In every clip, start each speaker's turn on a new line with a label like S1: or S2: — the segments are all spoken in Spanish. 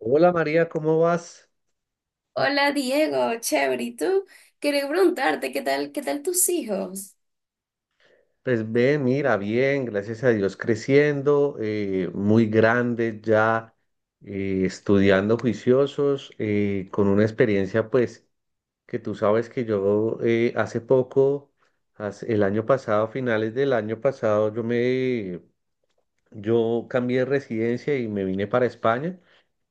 S1: Hola María, ¿cómo vas?
S2: Hola Diego, chévere, ¿y tú? Quería preguntarte, qué tal tus hijos?
S1: Pues bien, mira, bien, gracias a Dios creciendo, muy grande ya, estudiando juiciosos, con una experiencia pues que tú sabes que yo hace poco, el año pasado, finales del año pasado, yo cambié de residencia y me vine para España.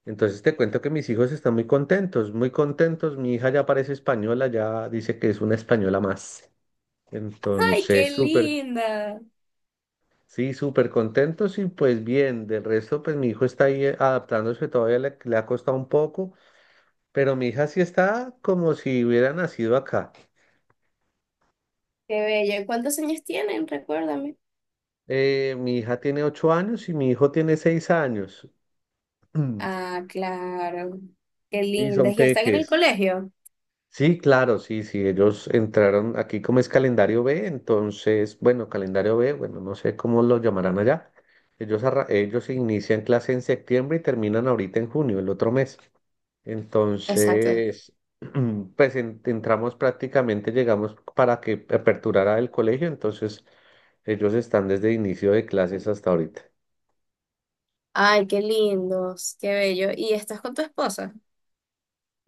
S1: Entonces te cuento que mis hijos están muy contentos, muy contentos. Mi hija ya parece española, ya dice que es una española más.
S2: ¡Ay,
S1: Entonces,
S2: qué
S1: súper,
S2: linda!
S1: sí, súper contentos y pues bien, del resto pues mi hijo está ahí adaptándose, todavía le ha costado un poco, pero mi hija sí está como si hubiera nacido acá.
S2: ¡Qué bella! ¿Cuántos años tienen? Recuérdame.
S1: Mi hija tiene 8 años y mi hijo tiene 6 años.
S2: Ah, claro. Qué
S1: Sí, son
S2: lindas. ¿Y están en el
S1: peques.
S2: colegio?
S1: Sí, claro, sí, sí, ellos entraron aquí como es calendario B, entonces, bueno, calendario B, bueno, no sé cómo lo llamarán allá. Ellos inician clase en septiembre y terminan ahorita en junio, el otro mes.
S2: Exacto.
S1: Entonces, pues entramos prácticamente, llegamos para que aperturara el colegio, entonces ellos están desde inicio de clases hasta ahorita.
S2: Ay, qué lindos, qué bello. ¿Y estás con tu esposa?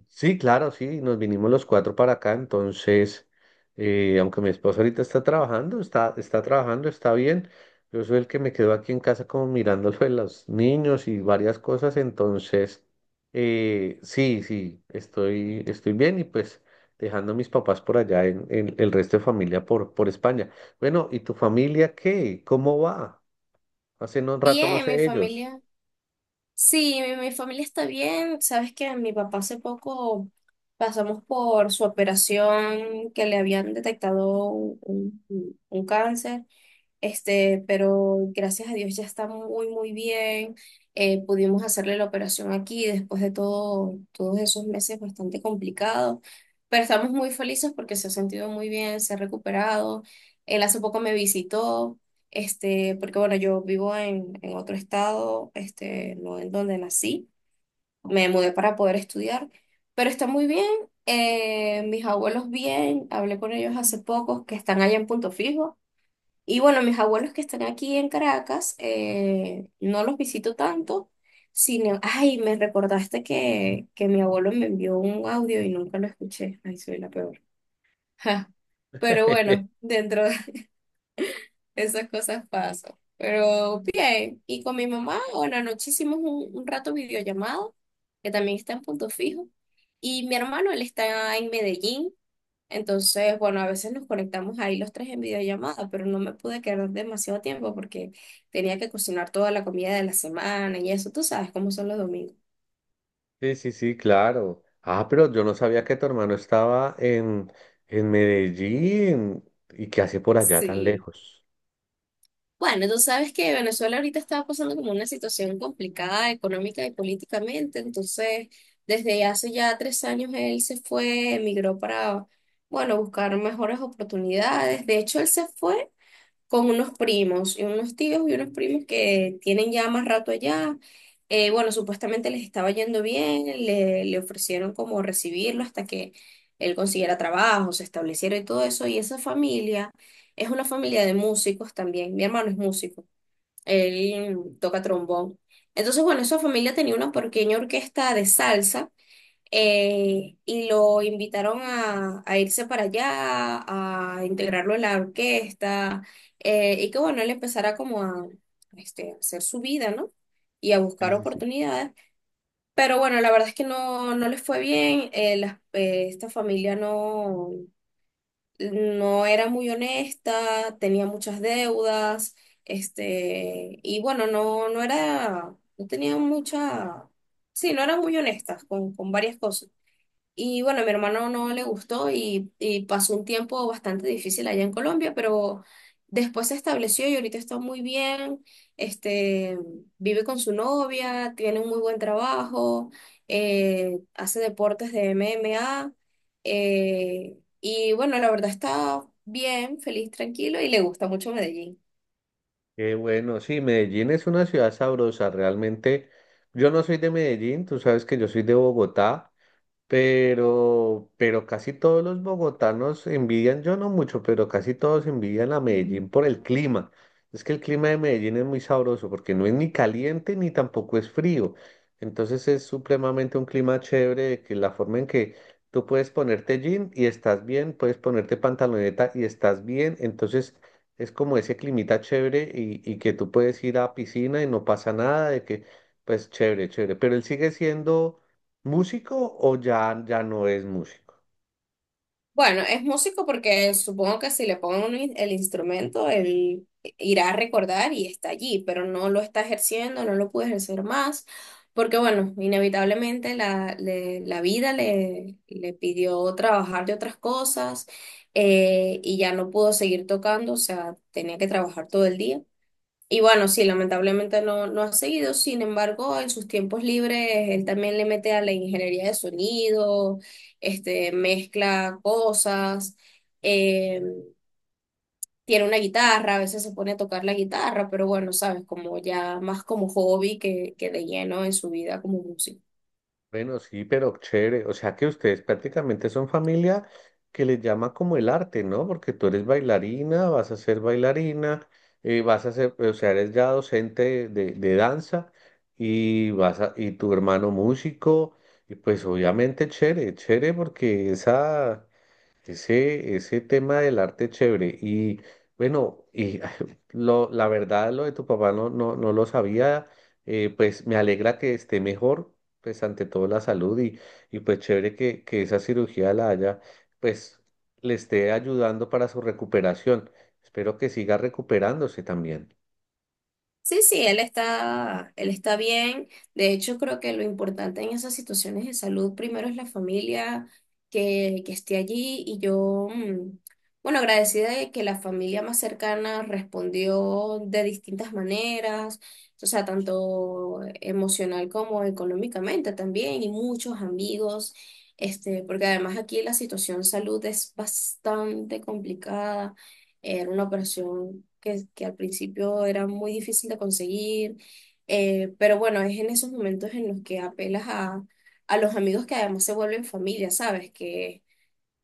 S1: Sí, claro, sí, nos vinimos los cuatro para acá, entonces, aunque mi esposa ahorita está trabajando, está trabajando, está bien, yo soy el que me quedo aquí en casa como mirando lo de los niños y varias cosas, entonces, sí, sí, estoy bien y pues dejando a mis papás por allá en el resto de familia por España. Bueno, ¿y tu familia qué? ¿Cómo va? Hace no, un rato no
S2: Bien, mi
S1: sé ellos.
S2: familia. Sí, mi familia está bien. Sabes que mi papá hace poco pasamos por su operación que le habían detectado un cáncer. Pero gracias a Dios ya está muy, muy bien. Pudimos hacerle la operación aquí después de todos esos meses bastante complicados, pero estamos muy felices porque se ha sentido muy bien, se ha recuperado. Él hace poco me visitó, porque bueno, yo vivo en otro estado, no en donde nací, me mudé para poder estudiar, pero está muy bien. Mis abuelos bien, hablé con ellos hace poco, que están allá en Punto Fijo. Y bueno, mis abuelos que están aquí en Caracas, no los visito tanto, sino, ay, me recordaste que mi abuelo me envió un audio y nunca lo escuché. Ay, soy la peor. Ja. Pero bueno, dentro de esas cosas paso. Pero bien, y con mi mamá, bueno, anoche hicimos un rato videollamado, que también está en Punto Fijo. Y mi hermano, él está en Medellín. Entonces, bueno, a veces nos conectamos ahí los tres en videollamada, pero no me pude quedar demasiado tiempo porque tenía que cocinar toda la comida de la semana y eso, tú sabes cómo son los domingos.
S1: Sí, sí, sí, claro. Ah, pero yo no sabía que tu hermano estaba en Medellín y que hace por allá tan
S2: Sí,
S1: lejos.
S2: bueno, tú sabes que Venezuela ahorita está pasando como una situación complicada económica y políticamente, entonces desde hace ya 3 años él se fue, emigró para, bueno, buscar mejores oportunidades. De hecho, él se fue con unos primos y unos tíos y unos primos que tienen ya más rato allá. Bueno, supuestamente les estaba yendo bien, le ofrecieron como recibirlo hasta que él consiguiera trabajo, se estableciera y todo eso. Y esa familia es una familia de músicos también. Mi hermano es músico, él toca trombón. Entonces, bueno, esa familia tenía una pequeña orquesta de salsa, y lo invitaron a irse para allá, a integrarlo en la orquesta, y que bueno, él empezara como a a hacer su vida, ¿no? Y a
S1: Sí,
S2: buscar
S1: sí, sí.
S2: oportunidades. Pero bueno, la verdad es que no, no les fue bien, esta familia no, no era muy honesta, tenía muchas deudas, y bueno, no, no era, no tenía mucha, sí, no eran muy honestas con varias cosas. Y bueno, a mi hermano no le gustó y pasó un tiempo bastante difícil allá en Colombia, pero después se estableció y ahorita está muy bien. Este, Vive con su novia, tiene un muy buen trabajo, hace deportes de MMA. Y bueno, la verdad está bien, feliz, tranquilo y le gusta mucho Medellín.
S1: Qué bueno, sí, Medellín es una ciudad sabrosa, realmente. Yo no soy de Medellín, tú sabes que yo soy de Bogotá. Pero casi todos los bogotanos envidian, yo no mucho, pero casi todos envidian a Medellín por el clima. Es que el clima de Medellín es muy sabroso porque no es ni caliente ni tampoco es frío. Entonces es supremamente un clima chévere, de que la forma en que tú puedes ponerte jean y estás bien, puedes ponerte pantaloneta y estás bien. Entonces es como ese climita chévere y que tú puedes ir a piscina y no pasa nada, de que pues chévere, chévere. Pero él sigue siendo, ¿músico o ya no es músico?
S2: Bueno, es músico porque supongo que si le pongo el instrumento, él irá a recordar y está allí, pero no lo está ejerciendo, no lo puede ejercer más, porque bueno, inevitablemente la vida le pidió trabajar de otras cosas, y ya no pudo seguir tocando, o sea, tenía que trabajar todo el día. Y bueno, sí, lamentablemente no, no ha seguido, sin embargo, en sus tiempos libres, él también le mete a la ingeniería de sonido, mezcla cosas, eh, tiene una guitarra, a veces se pone a tocar la guitarra, pero bueno, sabes, como ya más como hobby que de lleno en su vida como músico.
S1: Bueno, sí, pero chévere. O sea que ustedes prácticamente son familia que les llama como el arte, ¿no? Porque tú eres bailarina, vas a ser bailarina, vas a ser, o sea, eres ya docente de, de danza y vas a, y tu hermano músico, y pues obviamente chévere, chévere porque ese tema del arte es chévere. Y bueno, la verdad, lo de tu papá no, no, no lo sabía. Eh, pues me alegra que esté mejor, pues ante todo la salud y pues chévere que esa cirugía la haya, pues, le esté ayudando para su recuperación. Espero que siga recuperándose también.
S2: Sí, sí, él está bien. De hecho, creo que lo importante en esas situaciones de salud primero es la familia que esté allí y yo, bueno, agradecida de que la familia más cercana respondió de distintas maneras, o sea, tanto emocional como económicamente también y muchos amigos, porque además aquí la situación salud es bastante complicada. Era una operación que al principio era muy difícil de conseguir, pero bueno, es en esos momentos en los que apelas a los amigos que además se vuelven familia, ¿sabes? Que,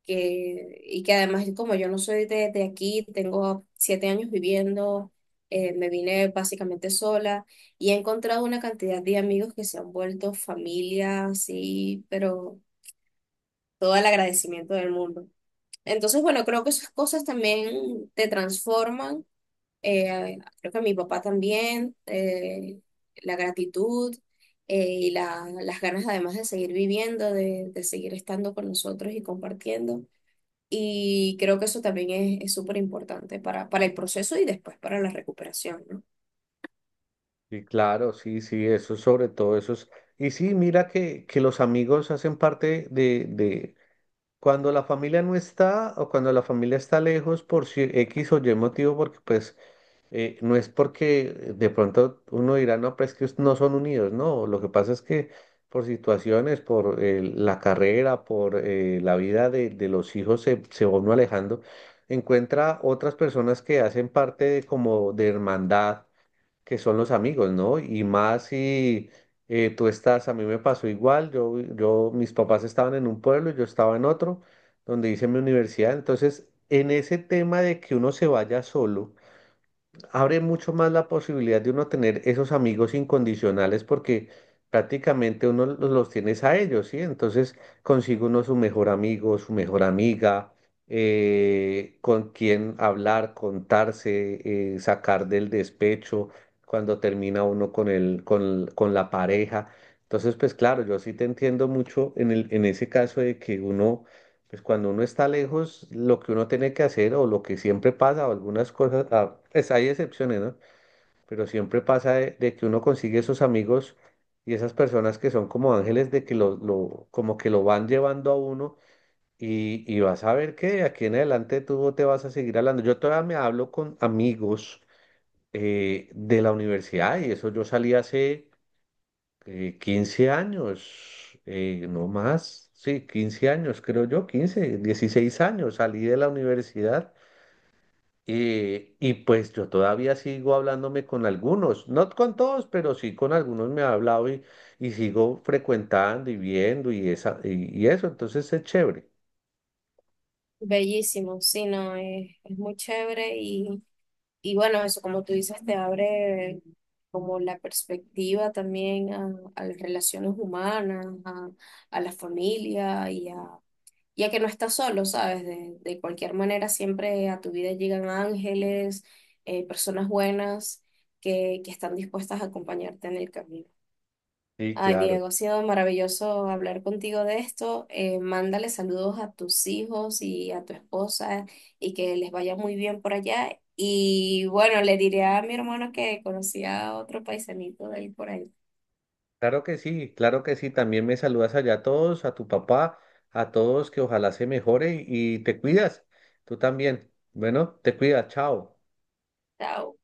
S2: que, Y que además, como yo no soy de aquí, tengo 7 años viviendo, me vine básicamente sola y he encontrado una cantidad de amigos que se han vuelto familia, sí, pero todo el agradecimiento del mundo. Entonces, bueno, creo que esas cosas también te transforman, creo que mi papá también, la gratitud, las ganas además de seguir viviendo, de seguir estando con nosotros y compartiendo. Y creo que eso también es súper importante para el proceso y después para la recuperación, ¿no?
S1: Y claro, sí, sí, eso es sobre todo, eso es. Y sí, mira que los amigos hacen parte de. Cuando la familia no está o cuando la familia está lejos por X o Y motivo, porque pues no es porque de pronto uno dirá, no, pero es que no son unidos, no, lo que pasa es que por situaciones, por la carrera, por la vida de los hijos se va uno alejando, encuentra otras personas que hacen parte de como de hermandad que son los amigos, ¿no? Y más si tú estás, a mí me pasó igual, mis papás estaban en un pueblo, yo estaba en otro, donde hice mi universidad, entonces en ese tema de que uno se vaya solo, abre mucho más la posibilidad de uno tener esos amigos incondicionales porque prácticamente uno los tienes a ellos, ¿sí? Entonces consigue uno su mejor amigo, su mejor amiga, con quien hablar, contarse, sacar del despecho cuando termina uno con con la pareja. Entonces, pues claro, yo sí te entiendo mucho en el, en ese caso de que uno pues cuando uno está lejos, lo que uno tiene que hacer o lo que siempre pasa, o algunas cosas, pues hay excepciones, ¿no? Pero siempre pasa de que uno consigue esos amigos y esas personas que son como ángeles de que como que lo van llevando a uno y vas a ver que de aquí en adelante tú te vas a seguir hablando. Yo todavía me hablo con amigos de la universidad y eso yo salí hace 15 años, no más, sí, 15 años, creo yo, 15 16 años, salí de la universidad y pues yo todavía sigo hablándome con algunos, no con todos, pero sí con algunos me he hablado y sigo frecuentando y viendo y, esa, y eso, entonces es chévere.
S2: Bellísimo, sí, no, es muy chévere y bueno, eso como tú dices, te abre como la perspectiva también a las relaciones humanas, a la familia y a que no estás solo, ¿sabes? De cualquier manera, siempre a tu vida llegan ángeles, personas buenas que están dispuestas a acompañarte en el camino.
S1: Sí,
S2: Ay,
S1: claro,
S2: Diego, ha sido maravilloso hablar contigo de esto. Mándale saludos a tus hijos y a tu esposa y que les vaya muy bien por allá. Y bueno, le diré a mi hermano que conocía a otro paisanito de ahí por ahí.
S1: claro que sí, también me saludas allá a todos, a tu papá, a todos, que ojalá se mejore y te cuidas, tú también. Bueno, te cuidas, chao.
S2: Chao.